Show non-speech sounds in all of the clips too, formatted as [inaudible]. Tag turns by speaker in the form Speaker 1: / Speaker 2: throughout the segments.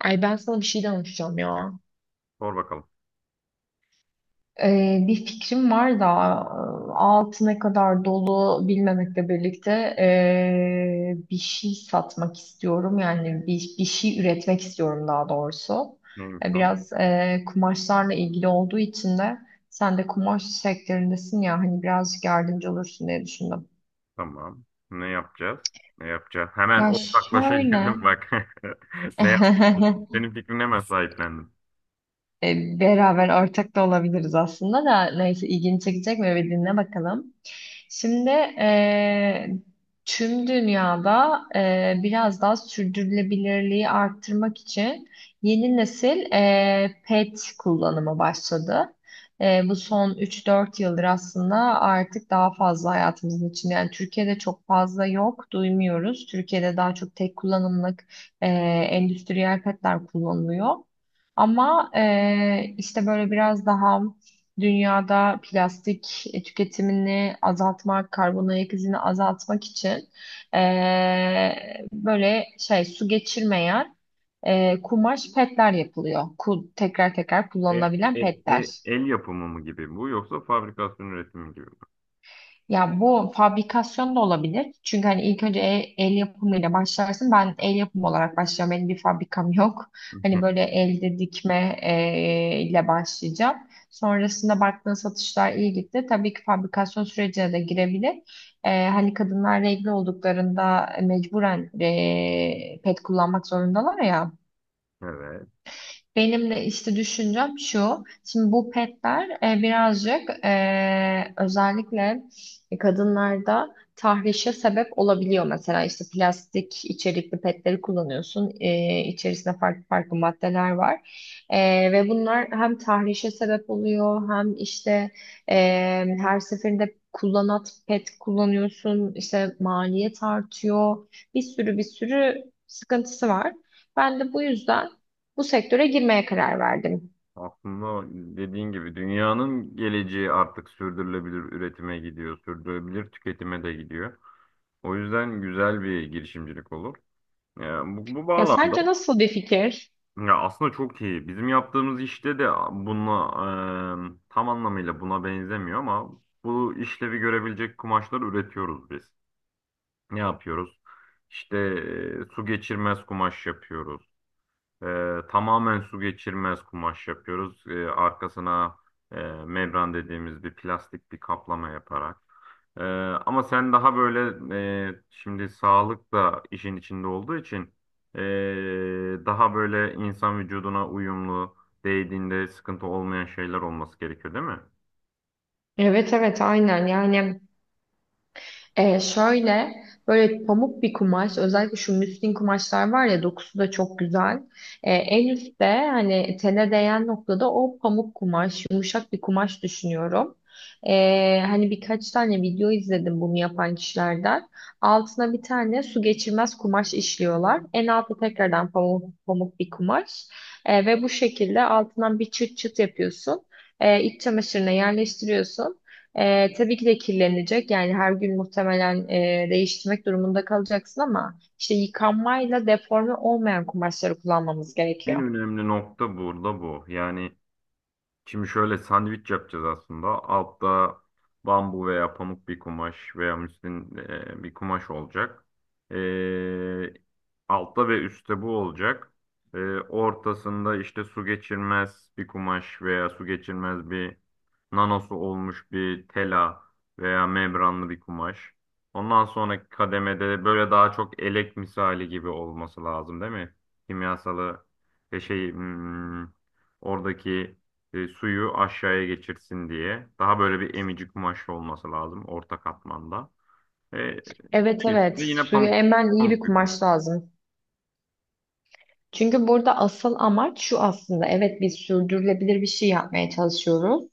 Speaker 1: Ay ben sana bir şey danışacağım ya.
Speaker 2: Sor bakalım.
Speaker 1: Bir fikrim var da altı ne kadar dolu bilmemekle birlikte bir şey satmak istiyorum. Yani bir şey üretmek istiyorum daha doğrusu.
Speaker 2: Neymiş o?
Speaker 1: Biraz kumaşlarla ilgili olduğu için de sen de kumaş sektöründesin ya, hani birazcık yardımcı olursun diye düşündüm.
Speaker 2: Tamam. Ne yapacağız? Ne yapacağız? Hemen
Speaker 1: Ya
Speaker 2: ortaklaşa
Speaker 1: şöyle
Speaker 2: girdim bak. [laughs] Ne yapacağız?
Speaker 1: [laughs]
Speaker 2: Senin fikrine hemen sahiplendim.
Speaker 1: beraber ortak da olabiliriz aslında da, neyse ilgini çekecek mi bir dinle bakalım. Şimdi tüm dünyada biraz daha sürdürülebilirliği arttırmak için yeni nesil pet kullanımı başladı. Bu son üç dört yıldır aslında artık daha fazla hayatımızın içinde. Yani Türkiye'de çok fazla yok, duymuyoruz. Türkiye'de daha çok tek kullanımlık eee, endüstriyel petler kullanılıyor. Ama işte böyle biraz daha dünyada plastik tüketimini azaltmak, karbon ayak izini azaltmak için böyle şey su geçirmeyen kumaş petler yapılıyor. Tekrar tekrar
Speaker 2: E-
Speaker 1: kullanılabilen
Speaker 2: e-
Speaker 1: petler.
Speaker 2: El yapımı mı gibi bu, yoksa fabrikasyon üretimi gibi mi?
Speaker 1: Ya bu fabrikasyon da olabilir. Çünkü hani ilk önce el yapımıyla başlarsın. Ben el yapımı olarak başlayacağım. Benim bir fabrikam yok. Hani böyle
Speaker 2: [laughs]
Speaker 1: elde dikme ile başlayacağım. Sonrasında baktığın satışlar iyi gitti. Tabii ki fabrikasyon sürecine de girebilir. Hani kadınlar regl olduklarında mecburen pet kullanmak zorundalar ya.
Speaker 2: Evet.
Speaker 1: Benim de işte düşüncem şu. Şimdi bu petler birazcık özellikle kadınlarda tahrişe sebep olabiliyor. Mesela işte plastik içerikli petleri kullanıyorsun. E, içerisinde farklı farklı maddeler var. E, ve bunlar hem tahrişe sebep oluyor hem işte e, her seferinde kullanat pet kullanıyorsun. İşte maliyet artıyor. Bir sürü sıkıntısı var. Ben de bu yüzden bu sektöre girmeye karar verdim.
Speaker 2: Aslında dediğin gibi dünyanın geleceği artık sürdürülebilir üretime gidiyor, sürdürülebilir tüketime de gidiyor. O yüzden güzel bir girişimcilik olur. Yani bu
Speaker 1: Ya
Speaker 2: bağlamda
Speaker 1: sence nasıl bir fikir?
Speaker 2: ya aslında çok iyi. Bizim yaptığımız işte de buna tam anlamıyla buna benzemiyor ama bu işlevi görebilecek kumaşlar üretiyoruz biz. Ne yapıyoruz? İşte su geçirmez kumaş yapıyoruz. Tamamen su geçirmez kumaş yapıyoruz. Arkasına e, membran dediğimiz bir plastik bir kaplama yaparak. Ee, Ama sen daha böyle şimdi sağlık da işin içinde olduğu için daha böyle insan vücuduna uyumlu, değdiğinde sıkıntı olmayan şeyler olması gerekiyor, değil mi?
Speaker 1: Evet, evet, aynen. Yani şöyle böyle pamuk bir kumaş, özellikle şu müslin kumaşlar var ya, dokusu da çok güzel. En üstte, hani tene değen noktada o pamuk kumaş, yumuşak bir kumaş düşünüyorum. Hani birkaç tane video izledim bunu yapan kişilerden. Altına bir tane su geçirmez kumaş işliyorlar. En altta tekrardan pamuk bir kumaş. Ve bu şekilde altından bir çıt çıt yapıyorsun. İç çamaşırına yerleştiriyorsun. Tabii ki de kirlenecek. Yani her gün muhtemelen değiştirmek durumunda kalacaksın ama işte yıkanmayla deforme olmayan kumaşları kullanmamız
Speaker 2: En
Speaker 1: gerekiyor.
Speaker 2: önemli nokta burada bu. Yani şimdi şöyle sandviç yapacağız aslında. Altta bambu veya pamuk bir kumaş veya müslin bir kumaş olacak. E, Altta ve üstte bu olacak. Ortasında işte su geçirmez bir kumaş veya su geçirmez bir nanosu olmuş bir tela veya membranlı bir kumaş. Ondan sonraki kademede böyle daha çok elek misali gibi olması lazım, değil mi? Kimyasalı e, şey hmm, oradaki suyu aşağıya geçirsin diye. Daha böyle bir emici kumaş olması lazım orta katmanda. E,
Speaker 1: Evet, evet,
Speaker 2: Üstünde yine
Speaker 1: suyu
Speaker 2: pamuk
Speaker 1: emen iyi bir
Speaker 2: pamuk bir
Speaker 1: kumaş lazım. Çünkü burada asıl amaç şu aslında. Evet, biz sürdürülebilir bir şey yapmaya çalışıyoruz.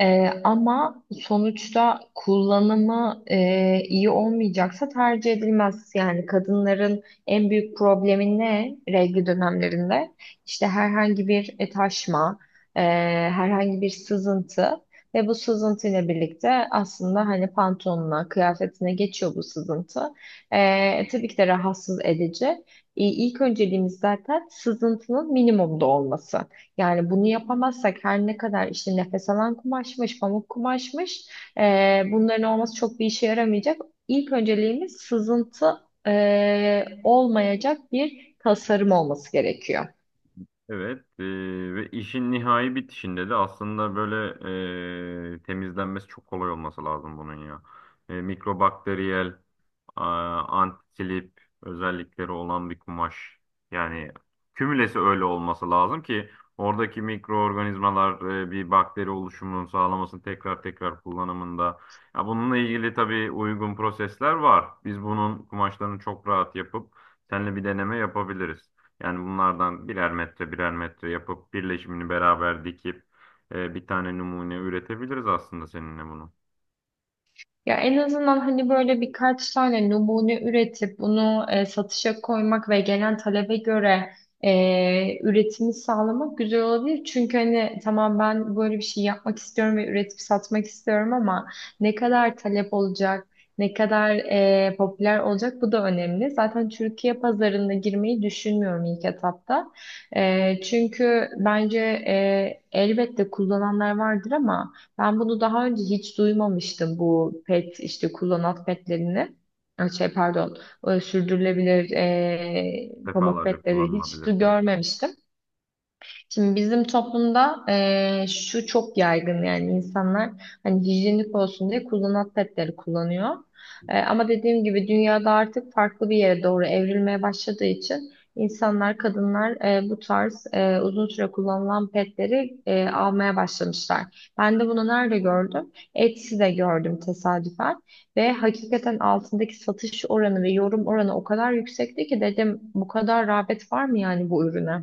Speaker 1: Ama sonuçta kullanımı iyi olmayacaksa tercih edilmez. Yani kadınların en büyük problemi ne regl dönemlerinde? İşte herhangi bir taşma, e, herhangi bir sızıntı, ve bu sızıntı ile birlikte aslında hani pantolonuna, kıyafetine geçiyor bu sızıntı. Tabii ki de rahatsız edici. İlk önceliğimiz zaten sızıntının minimumda olması. Yani bunu yapamazsak, her ne kadar işte nefes alan kumaşmış, pamuk kumaşmış, bunların olması çok bir işe yaramayacak. İlk önceliğimiz sızıntı olmayacak bir tasarım olması gerekiyor.
Speaker 2: evet ve işin nihai bitişinde de aslında böyle temizlenmesi çok kolay olması lazım bunun ya. Mikrobakteriyel, a, antislip özellikleri olan bir kumaş. Yani kümülesi öyle olması lazım ki oradaki mikroorganizmalar bir bakteri oluşumunu sağlamasını tekrar tekrar kullanımında. Ya bununla ilgili tabii uygun prosesler var. Biz bunun kumaşlarını çok rahat yapıp seninle bir deneme yapabiliriz. Yani bunlardan birer metre birer metre yapıp birleşimini beraber dikip bir tane numune üretebiliriz aslında seninle bunu.
Speaker 1: Ya en azından hani böyle birkaç tane numune üretip bunu satışa koymak ve gelen talebe göre üretimi sağlamak güzel olabilir. Çünkü hani tamam, ben böyle bir şey yapmak istiyorum ve üretip satmak istiyorum ama ne kadar talep olacak, ne kadar popüler olacak bu da önemli. Zaten Türkiye pazarına girmeyi düşünmüyorum ilk etapta. E, çünkü bence elbette kullananlar vardır ama ben bunu daha önce hiç duymamıştım, bu pet, işte kullanat petlerini. Ay, şey, pardon, sürdürülebilir pamuk
Speaker 2: Defalarca
Speaker 1: petleri hiç
Speaker 2: kullanılabilir.
Speaker 1: görmemiştim. Şimdi bizim toplumda şu çok yaygın, yani insanlar hani hijyenik olsun diye kullanat petleri kullanıyor. Ama dediğim gibi dünyada artık farklı bir yere doğru evrilmeye başladığı için insanlar, kadınlar bu tarz uzun süre kullanılan petleri almaya başlamışlar. Ben de bunu nerede gördüm? Etsy'de gördüm tesadüfen, ve hakikaten altındaki satış oranı ve yorum oranı o kadar yüksekti ki dedim, bu kadar rağbet var mı yani bu ürüne?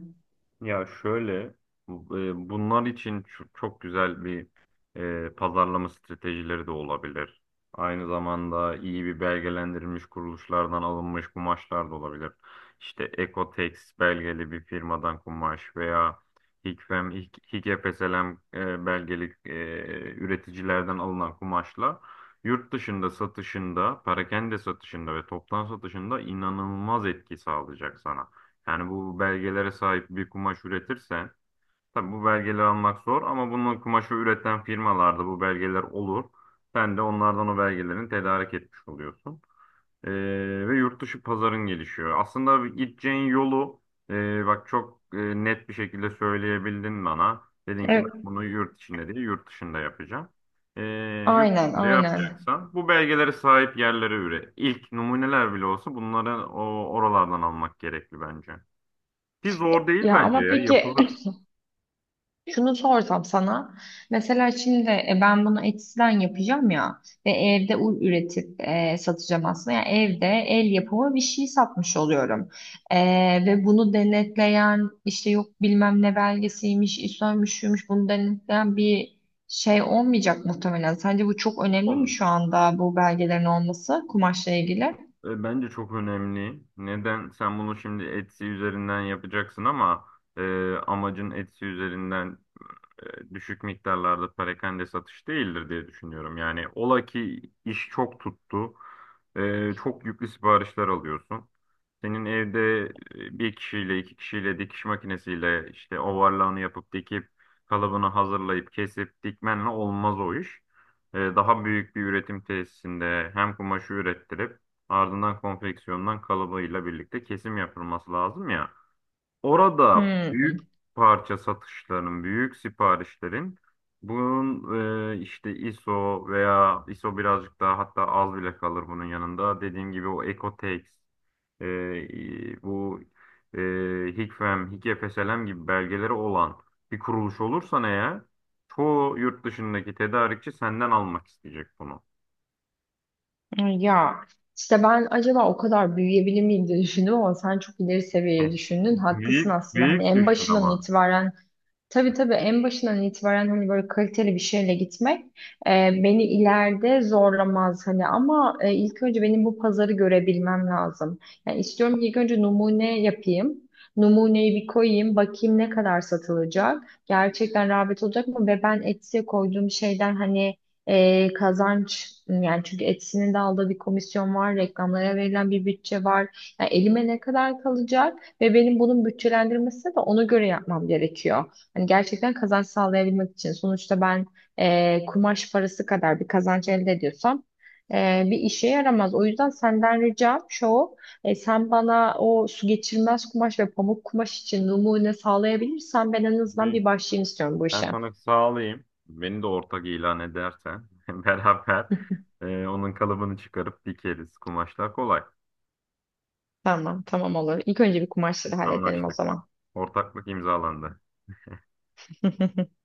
Speaker 2: Ya şöyle, bunlar için çok güzel bir pazarlama stratejileri de olabilir. Aynı zamanda iyi bir belgelendirilmiş kuruluşlardan alınmış kumaşlar da olabilir. İşte Ecotex belgeli bir firmadan kumaş veya Hikfslm belgeli üreticilerden alınan kumaşla yurt dışında satışında, perakende satışında ve toptan satışında inanılmaz etki sağlayacak sana. Yani bu belgelere sahip bir kumaş üretirse, tabii bu belgeleri almak zor, ama bunun kumaşı üreten firmalarda bu belgeler olur. Sen de onlardan o belgelerin tedarik etmiş oluyorsun. Ee, Ve yurt dışı pazarın gelişiyor. Aslında gideceğin yolu bak çok net bir şekilde söyleyebildin bana. Dedin ki ben bunu yurt içinde değil yurt dışında yapacağım. Ee, Yurt
Speaker 1: Aynen,
Speaker 2: dışında
Speaker 1: aynen.
Speaker 2: yapacaksan bu belgelere sahip yerlere üre. İlk numuneler bile olsa bunları oralardan almak gerekli bence. Ki zor değil
Speaker 1: Ya
Speaker 2: bence
Speaker 1: ama
Speaker 2: ya.
Speaker 1: peki,
Speaker 2: Yapılır,
Speaker 1: [laughs] şunu sorsam sana. Mesela şimdi ben bunu Etsy'den yapacağım ya ve evde üretip satacağım aslında. Yani evde el yapımı bir şey satmış oluyorum. E, ve bunu denetleyen işte yok bilmem ne belgesiymiş, İSO'ymuş, şuymuş, bunu denetleyen bir şey olmayacak muhtemelen. Sence bu çok önemli mi şu
Speaker 2: olmayacak.
Speaker 1: anda bu belgelerin olması kumaşla ilgili?
Speaker 2: Bence çok önemli. Neden? Sen bunu şimdi Etsy üzerinden yapacaksın, ama amacın Etsy üzerinden düşük miktarlarda perakende satış değildir diye düşünüyorum. Yani ola ki iş çok tuttu, çok yüklü siparişler alıyorsun. Senin evde bir kişiyle, iki kişiyle dikiş makinesiyle işte overlock'ını yapıp dikip kalıbını hazırlayıp kesip dikmenle olmaz o iş. Daha büyük bir üretim tesisinde hem kumaşı ürettirip ardından konfeksiyondan kalıbıyla birlikte kesim yapılması lazım ya. Orada büyük
Speaker 1: Hmm.
Speaker 2: parça satışların, büyük siparişlerin bunun işte ISO veya ISO birazcık daha hatta az bile kalır bunun yanında. Dediğim gibi o Ecotex, e, e, bu e, Hikfem, Hikfslm gibi belgeleri olan bir kuruluş olursan eğer çoğu yurt dışındaki tedarikçi senden almak isteyecek bunu.
Speaker 1: Ya işte ben acaba o kadar büyüyebilir miyim diye düşündüm ama sen çok ileri seviyeye düşündün.
Speaker 2: [laughs]
Speaker 1: Haklısın
Speaker 2: Büyük,
Speaker 1: aslında. Hani
Speaker 2: büyük
Speaker 1: en
Speaker 2: düşün
Speaker 1: başından
Speaker 2: ama.
Speaker 1: itibaren. Tabii, tabii, en başından itibaren hani böyle kaliteli bir şeyle gitmek e, beni ileride zorlamaz hani, ama ilk önce benim bu pazarı görebilmem lazım. Yani istiyorum ki ilk önce numune yapayım. Numuneyi bir koyayım, bakayım ne kadar satılacak. Gerçekten rağbet olacak mı? Ve ben Etsy'e koyduğum şeyden hani kazanç, yani çünkü Etsy'nin de aldığı bir komisyon var, reklamlara verilen bir bütçe var. Yani elime ne kadar kalacak ve benim bunun bütçelendirmesi de ona göre yapmam gerekiyor. Hani gerçekten kazanç sağlayabilmek için. Sonuçta ben kumaş parası kadar bir kazanç elde ediyorsam bir işe yaramaz. O yüzden senden ricam şu, sen bana o su geçirmez kumaş ve pamuk kumaş için numune sağlayabilirsen ben en azından
Speaker 2: Büyük.
Speaker 1: bir başlayayım istiyorum bu
Speaker 2: Ben
Speaker 1: işe.
Speaker 2: sana sağlayayım. Beni de ortak ilan edersen [laughs] beraber
Speaker 1: [laughs]
Speaker 2: onun kalıbını çıkarıp dikeriz. Kumaşlar kolay.
Speaker 1: Tamam, tamam, olur. İlk önce bir kumaşları halledelim o
Speaker 2: Anlaştık.
Speaker 1: zaman.
Speaker 2: Ortaklık imzalandı.
Speaker 1: [laughs]